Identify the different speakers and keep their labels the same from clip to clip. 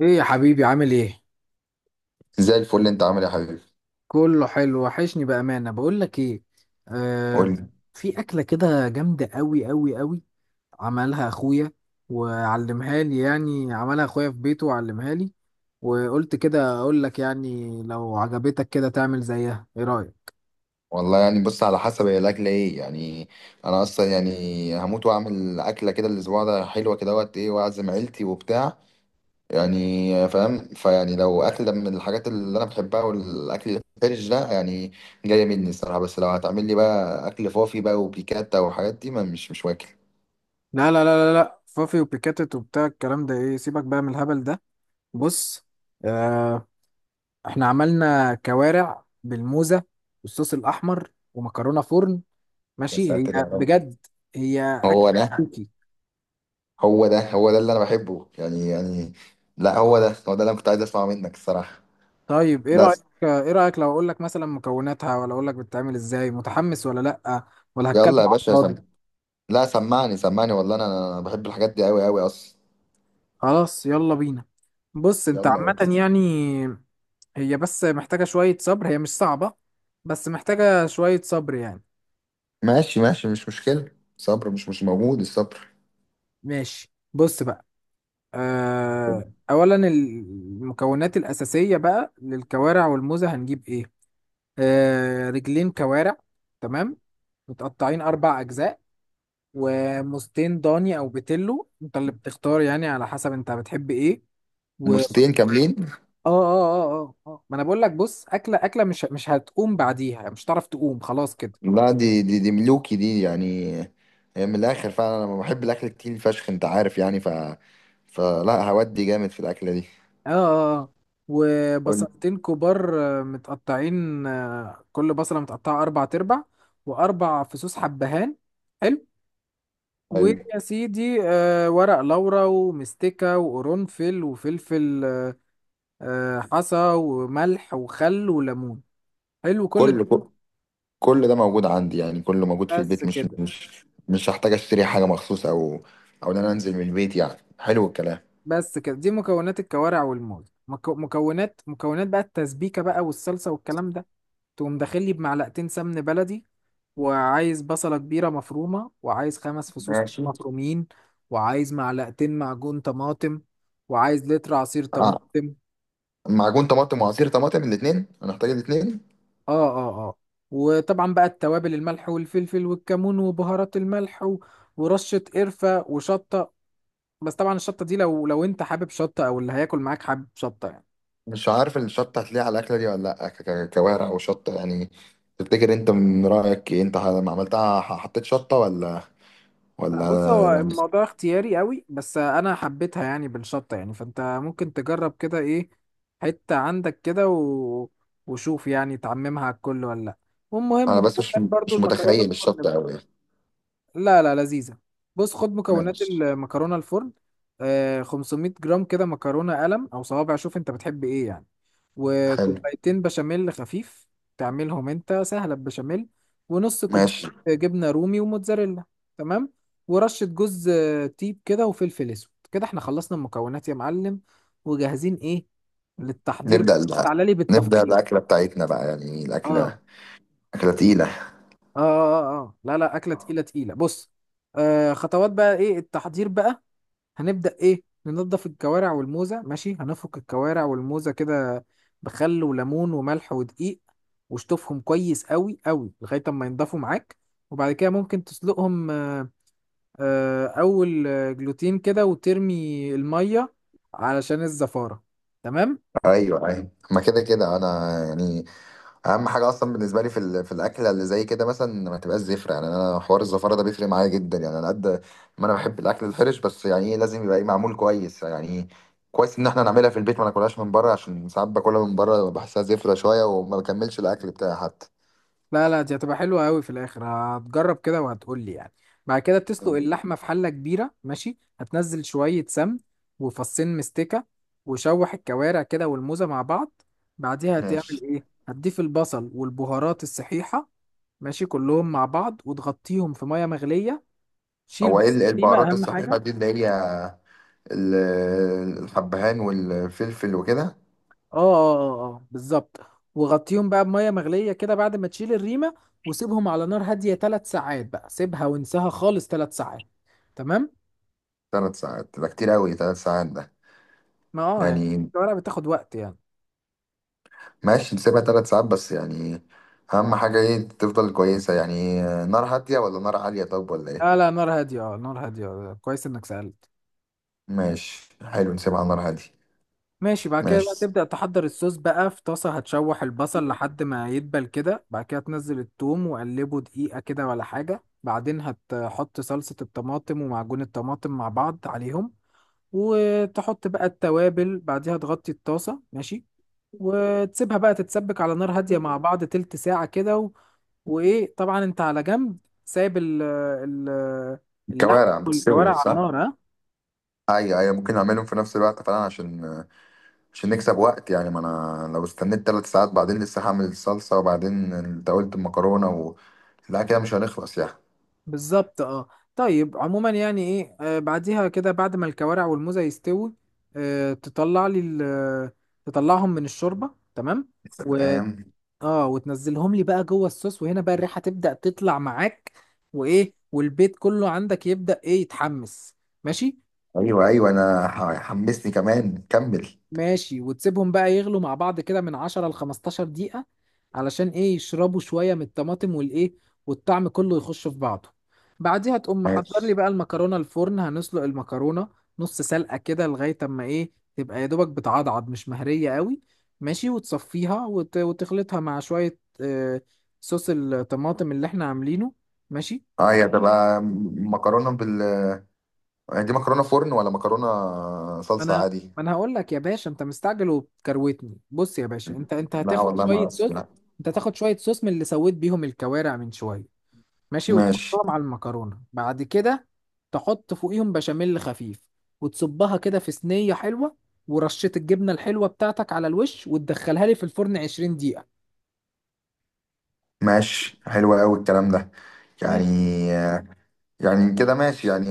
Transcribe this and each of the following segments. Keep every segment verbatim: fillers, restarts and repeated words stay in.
Speaker 1: ايه يا حبيبي؟ عامل ايه؟
Speaker 2: زي الفل اللي انت عامل ايه يا حبيبي.
Speaker 1: كله حلو، وحشني بامانه. بقول لك ايه،
Speaker 2: قول
Speaker 1: آه،
Speaker 2: لي.
Speaker 1: في اكله كده جامده قوي قوي قوي، عملها اخويا وعلمها لي. يعني عملها اخويا في بيته وعلمها لي، وقلت كده اقول لك، يعني لو عجبتك كده تعمل زيها. ايه رايك؟
Speaker 2: والله يعني، بص، على حسب هي الاكله ايه يعني. انا اصلا يعني هموت واعمل اكله كده الاسبوع ده، حلوه كده وقت ايه، واعزم عيلتي وبتاع. يعني فاهم، فيعني لو اكله من الحاجات اللي انا بحبها والاكل الفرش ده، يعني جايه مني الصراحه. بس لو هتعمل لي بقى اكل فوفي بقى وبيكاتا والحاجات دي، ما مش مش واكل.
Speaker 1: لا لا لا لا لا، فافي وبيكاتت وبتاع الكلام ده ايه؟ سيبك بقى من الهبل ده. بص، آه، احنا عملنا كوارع بالموزه والصوص الاحمر ومكرونه فرن.
Speaker 2: يا
Speaker 1: ماشي هي
Speaker 2: ساتر يا رب.
Speaker 1: بجد هي. اكتب
Speaker 2: هو ده
Speaker 1: كوكي.
Speaker 2: هو ده هو ده اللي انا بحبه يعني يعني لا، هو ده هو ده اللي انا كنت عايز اسمعه منك الصراحه.
Speaker 1: طيب ايه
Speaker 2: لا.
Speaker 1: رايك؟ ايه رايك لو اقول لك مثلا مكوناتها، ولا اقول لك بتتعمل ازاي؟ متحمس ولا لا؟ ولا هتكلم
Speaker 2: يلا يا
Speaker 1: على
Speaker 2: باشا.
Speaker 1: الفاضي؟
Speaker 2: لا، سمعني سمعني والله انا، أنا بحب الحاجات دي قوي قوي اصلا.
Speaker 1: خلاص يلا بينا. بص، انت
Speaker 2: يلا
Speaker 1: عامه
Speaker 2: بس.
Speaker 1: يعني هي بس محتاجه شويه صبر، هي مش صعبه، بس محتاجه شويه صبر يعني.
Speaker 2: ماشي ماشي، مش مشكلة. صبر، مش مش موجود الصبر.
Speaker 1: ماشي بص بقى، آه، اولا المكونات الاساسيه بقى للكوارع والموزه هنجيب ايه. آه، رجلين كوارع، تمام، متقطعين اربع اجزاء، وموزتين ضاني او بتلو، انت اللي بتختار يعني على حسب انت بتحب ايه. و اه
Speaker 2: مستين كاملين.
Speaker 1: اه اه اه اه ما انا بقول لك بص، اكله اكله مش مش هتقوم بعديها، مش هتعرف تقوم خلاص كده.
Speaker 2: لا، دي دي دي ملوكي دي يعني، هي من الاخر. فعلا انا بحب الاكل كتير فشخ، انت عارف يعني. ف فلا، هودي جامد في الاكلة دي.
Speaker 1: اه اه اه
Speaker 2: قول.
Speaker 1: وبصلتين كبار، آه، متقطعين، آه، كل بصله متقطعه اربع تربع، واربع فصوص حبهان. حلو.
Speaker 2: حلو.
Speaker 1: ويا سيدي، آه، ورق لورا ومستكة وقرنفل وفلفل. آه، حصى وملح وخل وليمون. حلو كل.
Speaker 2: كل كل كل ده موجود عندي يعني، كله موجود في
Speaker 1: بس
Speaker 2: البيت، مش
Speaker 1: كده.
Speaker 2: مش مش هحتاج اشتري حاجة مخصوص او او ان انا انزل من البيت. يعني حلو الكلام.
Speaker 1: بس كده دي مكونات الكوارع والموز. مكو... مكونات مكونات بقى التسبيكة بقى والصلصة والكلام ده. تقوم داخل لي بمعلقتين سمن بلدي، وعايز بصلة كبيرة مفرومة، وعايز خمس فصوص
Speaker 2: ماشي.
Speaker 1: مفرومين، وعايز معلقتين معجون طماطم، وعايز لتر عصير طماطم.
Speaker 2: معجون طماطم وعصير طماطم، الاثنين، هنحتاج الاثنين؟
Speaker 1: اه اه اه وطبعا بقى التوابل، الملح والفلفل والكمون وبهارات الملح و... ورشة قرفة وشطة. بس طبعا الشطة دي لو لو انت حابب شطة، او اللي هياكل معاك حابب شطة يعني.
Speaker 2: مش عارف الشطه هتلاقي على الاكله دي ولا لا، ك- ك- كوارع او شطه يعني؟ تفتكر انت من رايك إيه؟ انت لما عملتها ح- حطيت شطه ولا
Speaker 1: لا،
Speaker 2: ولا
Speaker 1: بص، هو
Speaker 2: يعني؟
Speaker 1: الموضوع اختياري قوي، بس انا حبيتها يعني بالشطه يعني، فانت ممكن تجرب كده ايه، حته عندك كده و... وشوف يعني تعممها على الكل ولا لا. والمهم
Speaker 2: انا بس مش
Speaker 1: مكونات برضو
Speaker 2: مش
Speaker 1: المكرونه
Speaker 2: متخيل
Speaker 1: الفرن
Speaker 2: الشطه
Speaker 1: بقى.
Speaker 2: قوي.
Speaker 1: لا لا لذيذه. بص خد مكونات
Speaker 2: ماشي
Speaker 1: المكرونه الفرن. آه، خمسمية جرام كده مكرونه قلم او صوابع، شوف انت بتحب ايه يعني.
Speaker 2: حلو.
Speaker 1: وكوبايتين بشاميل خفيف، تعملهم انت سهلة بشاميل. ونص كوب
Speaker 2: ماشي.
Speaker 1: جبنة رومي وموتزاريلا. تمام. ورشة جوز تيب كده وفلفل اسود كده. احنا خلصنا المكونات يا معلم، وجاهزين ايه للتحضير.
Speaker 2: نبدا ال-
Speaker 1: تعالى لي
Speaker 2: نبدا
Speaker 1: بالتفصيل.
Speaker 2: الاكله بتاعتنا بقى، يعني
Speaker 1: اه
Speaker 2: الاكله
Speaker 1: اه
Speaker 2: اكله تقيله.
Speaker 1: اه اه آه. لا لا، اكلة تقيلة تقيلة. بص، آه، خطوات بقى، ايه التحضير بقى. هنبدأ إيه، ننضف الكوارع والموزة. ماشي، هنفك الكوارع والموزة كده بخل وليمون وملح ودقيق، واشطفهم كويس قوي قوي لغاية ما ينضفوا معاك. وبعد كده ممكن تسلقهم، آه، آه، أول آه، جلوتين كده وترمي المية، علشان الزفارة. تمام.
Speaker 2: ايوه ايوه، ما كده كده انا يعني. اهم حاجه اصلا بالنسبه لي في ال- في الاكله اللي زي كده مثلا، ما تبقاش زفره. يعني انا حوار الزفاره ده بيفرق معايا جدا يعني، على قد ما انا بحب الاكل الحرش، بس يعني ايه، لازم يبقى ايه معمول كويس يعني إيه. كويس ان احنا نعملها في البيت ما ناكلهاش من بره، عشان ساعات باكلها من بره بحسها زفره شويه، وما بكملش الاكل بتاعي حتى.
Speaker 1: لا لا، دي هتبقى حلوة قوي في الاخر، هتجرب كده وهتقول لي يعني. بعد كده بتسلق
Speaker 2: مم.
Speaker 1: اللحمة في حلة كبيرة، ماشي هتنزل شوية سمن وفصين مستكة، وشوح الكوارع كده والموزة مع بعض. بعديها هتعمل
Speaker 2: ماشي.
Speaker 1: ايه؟ هتضيف البصل والبهارات الصحيحة، ماشي كلهم مع بعض وتغطيهم في مية مغلية. شيل
Speaker 2: هو ايه
Speaker 1: بس
Speaker 2: ال- إيه
Speaker 1: دي بقى
Speaker 2: البهارات
Speaker 1: اهم
Speaker 2: الصحيحه
Speaker 1: حاجة.
Speaker 2: دي اللي هي ال- الحبهان والفلفل وكده؟
Speaker 1: اه اه اه آه، بالظبط. وغطيهم بقى بمية مغلية كده بعد ما تشيل الريمة، وسيبهم على نار هادية ثلاث ساعات. بقى سيبها وانساها خالص، ثلاث ساعات، تمام.
Speaker 2: ثلاث ساعات ده كتير قوي، ثلاث ساعات ده
Speaker 1: ما اه يعني
Speaker 2: يعني.
Speaker 1: الورقة بتاخد وقت يعني.
Speaker 2: ماشي، نسيبها تلات ساعات بس يعني. أهم حاجة إيه، تفضل كويسة يعني، نار هادية ولا نار عالية، طب ولا
Speaker 1: لا
Speaker 2: إيه؟
Speaker 1: لا، نار هادية، اه نار هادية، آه، كويس انك سألت.
Speaker 2: ماشي حلو، نسيبها على نار هادية.
Speaker 1: ماشي، بعد كده بقى
Speaker 2: ماشي.
Speaker 1: تبدأ تحضر الصوص بقى. في طاسة هتشوح البصل لحد ما يدبل كده، بعد كده تنزل الثوم وقلبه دقيقة كده ولا حاجة، بعدين هتحط صلصة الطماطم ومعجون الطماطم مع بعض عليهم. وتحط بقى التوابل، بعديها تغطي الطاسة، ماشي، وتسيبها بقى تتسبك على نار هادية مع بعض تلت ساعة كده و... وإيه طبعا أنت على جنب، سايب ال... ال... اللحم
Speaker 2: الكوارع بتستوي
Speaker 1: والكوارع على
Speaker 2: صح؟
Speaker 1: النار ها.
Speaker 2: أيوة أيوة، ممكن أعملهم في نفس الوقت فعلا، عشان عشان نكسب وقت يعني. ما أنا لو استنيت تلات ساعات بعدين لسه هعمل الصلصة، وبعدين أنت قلت المكرونة و... لا كده مش هنخلص يعني.
Speaker 1: بالظبط اه. طيب عموما يعني ايه، آه، بعديها كده بعد ما الكوارع والموزة يستوي، آه، تطلع لي ال- تطلعهم من الشوربة، تمام، و
Speaker 2: تمام.
Speaker 1: اه وتنزلهم لي بقى جوه الصوص، وهنا بقى الريحة تبدأ تطلع معاك، وايه، والبيت كله عندك يبدأ ايه، يتحمس. ماشي.
Speaker 2: أيوة أيوة أنا ح- حمسني كمان، كمل.
Speaker 1: ماشي، وتسيبهم بقى يغلوا مع بعض كده من عشرة ل خمستاشر دقيقة، علشان ايه يشربوا شوية من الطماطم والايه، والطعم كله يخش في بعضه. بعديها تقوم محضر لي
Speaker 2: ماشي.
Speaker 1: بقى المكرونة الفرن. هنسلق المكرونة نص سلقة كده لغاية اما ايه، تبقى يا دوبك بتعضعض، مش مهرية قوي. ماشي، وتصفيها وت... وتخلطها مع شوية، آه، صوص الطماطم اللي احنا عاملينه. ماشي.
Speaker 2: أه هي هتبقى مكرونة بال، يعني دي مكرونه فرن ولا مكرونه
Speaker 1: ما
Speaker 2: صلصه
Speaker 1: انا
Speaker 2: عادي؟
Speaker 1: ما انا هقول لك يا باشا، انت مستعجل وبتكروتني. بص يا باشا، انت انت
Speaker 2: لا
Speaker 1: هتاخد
Speaker 2: والله ما
Speaker 1: شويه صوص،
Speaker 2: لا.
Speaker 1: انت هتاخد شويه صوص من اللي سويت بيهم الكوارع من شويه، ماشي،
Speaker 2: ماشي
Speaker 1: وتحطهم على المكرونه. بعد كده تحط فوقيهم بشاميل خفيف، وتصبها كده في صينيه حلوه، ورشه الجبنه الحلوه بتاعتك على الوش، وتدخلها لي في الفرن عشرين دقيقه.
Speaker 2: ماشي حلو قوي الكلام ده. يعني
Speaker 1: ماشي،
Speaker 2: يعني كده ماشي يعني.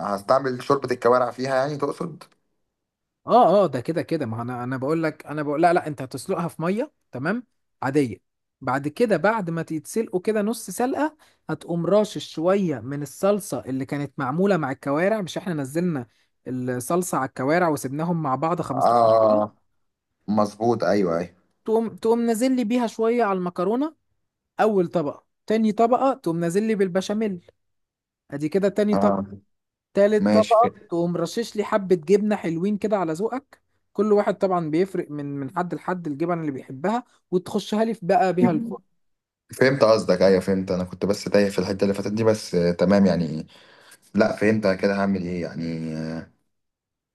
Speaker 2: هستعمل شوربه الكوارع فيها يعني، تقصد؟
Speaker 1: اه اه ده كده كده ما هو، انا انا بقول لك انا بقول، لا لا انت هتسلقها في ميه، تمام، عاديه. بعد كده بعد ما تتسلقوا كده نص سلقه، هتقوم راشش شويه من الصلصه اللي كانت معموله مع الكوارع. مش احنا نزلنا الصلصه على الكوارع وسبناهم مع بعض خمستاشر
Speaker 2: اه
Speaker 1: دقيقه؟
Speaker 2: مظبوط ايوه ايوه.
Speaker 1: تقوم تقوم نازل لي بيها شويه على المكرونه. اول طبقه، تاني طبقه تقوم نازل لي بالبشاميل، ادي كده تاني.
Speaker 2: اه
Speaker 1: تالت
Speaker 2: ماشي
Speaker 1: طبقة
Speaker 2: كده.
Speaker 1: تقوم رشش لي حبة جبنة حلوين كده على ذوقك. كل واحد طبعا بيفرق من من حد لحد، الجبن اللي بيحبها. وتخشها لي في بقى بيها الفرن.
Speaker 2: فهمت قصدك، ايوه فهمت. انا كنت بس تايه في الحته اللي فاتت دي بس، آه، تمام يعني. لا فهمت، أنا كده هعمل ايه يعني آه،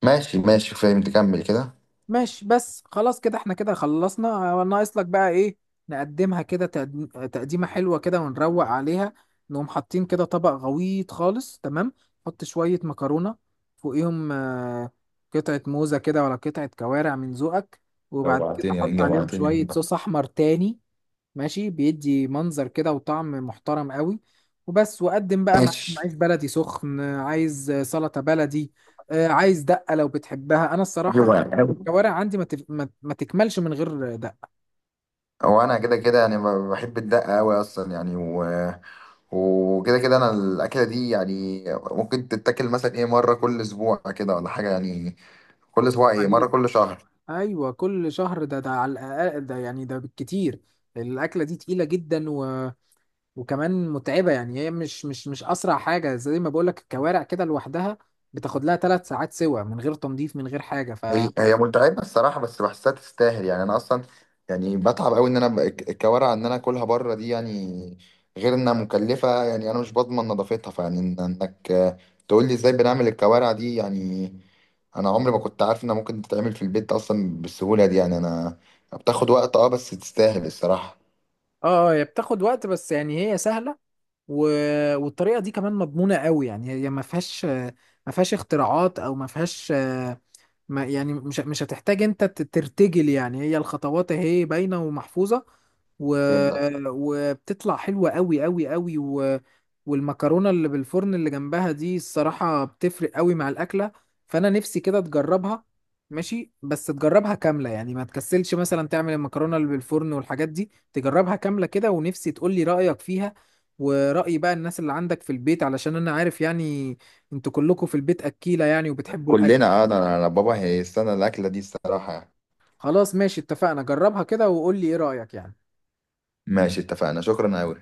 Speaker 2: ماشي ماشي فهمت، كمل كده.
Speaker 1: ماشي، بس خلاص كده احنا كده خلصنا، آه، ناقص لك بقى ايه، نقدمها كده تقديم- آه، تقديمة حلوة كده ونروق عليها. نقوم حاطين كده طبق غويط خالص، تمام، حط شوية مكرونة فوقيهم، آه، قطعة موزة كده ولا قطعة كوارع من ذوقك، وبعد كده
Speaker 2: جوعتني، يعني
Speaker 1: حط عليهم
Speaker 2: جوعتني
Speaker 1: شوية صوص
Speaker 2: والله.
Speaker 1: أحمر تاني. ماشي، بيدي منظر كده وطعم محترم قوي. وبس، وقدم بقى معاك
Speaker 2: ماشي.
Speaker 1: عيش بلدي سخن، عايز سلطة بلدي، آه، عايز دقة لو بتحبها. انا الصراحة
Speaker 2: أيوة.
Speaker 1: الكوارع عندي ما, تف... ما... ما تكملش من غير دقة.
Speaker 2: هو انا كده كده يعني ب- بحب الدقه قوي اصلا يعني، و... وكده كده انا الاكله دي يعني ممكن تتاكل مثلا ايه مره كل اسبوع كده ولا حاجه يعني، كل اسبوع ايه، مره
Speaker 1: عليك،
Speaker 2: كل شهر.
Speaker 1: ايوه كل شهر ده، ده على الاقل، ده يعني ده بالكتير، الاكلة دي تقيلة جدا و... وكمان متعبة، يعني هي مش مش مش اسرع حاجة زي ما بقولك. الكوارع كده لوحدها بتاخد لها ثلاث ساعات سوا، من غير تنظيف من غير حاجة، ف
Speaker 2: هي هي متعبة الصراحة، بس بحسها تستاهل يعني. أنا أصلا يعني بتعب أوي إن أنا ب- الك- الكوارع إن أنا آكلها بره دي يعني، غير إنها مكلفة. يعني أنا مش بضمن نظافتها، فيعني إن- إنك، آه، تقول لي إزاي بنعمل الكوارع دي يعني. أنا عمري ما كنت عارف إنها ممكن تتعمل في البيت أصلا بالسهولة دي يعني. أنا بتاخد وقت، أه بس تستاهل الصراحة.
Speaker 1: اه هي بتاخد وقت، بس يعني هي سهلة. و- والطريقه دي كمان مضمونه قوي، يعني هي ما فيهاش، ما فيهاش اختراعات او ما فيهاش، ما يعني مش مش هتحتاج انت ت- ترتجل. يعني هي الخطوات اهي باينة ومحفوظة و...
Speaker 2: فهمتك.
Speaker 1: وبتطلع حلوة قوي قوي قوي و... والمكرونة اللي بالفرن اللي جنبها دي الصراحة بتفرق قوي مع الأكلة، فأنا نفسي كده تجربها. ماشي بس تجربها كاملة، يعني ما تكسلش مثلا تعمل المكرونة اللي بالفرن والحاجات دي، تجربها كاملة كده، ونفسي تقولي رأيك فيها ورأي بقى الناس اللي عندك في البيت، علشان أنا عارف يعني انتوا كلكم في البيت أكيلة يعني وبتحبوا الأكل.
Speaker 2: كلنا أه أنا أنا بابا هيستنى الأكلة دي الصراحة يعني.
Speaker 1: خلاص ماشي اتفقنا، جربها كده وقول لي ايه رأيك يعني.
Speaker 2: ماشي اتفقنا، شكرا أوي.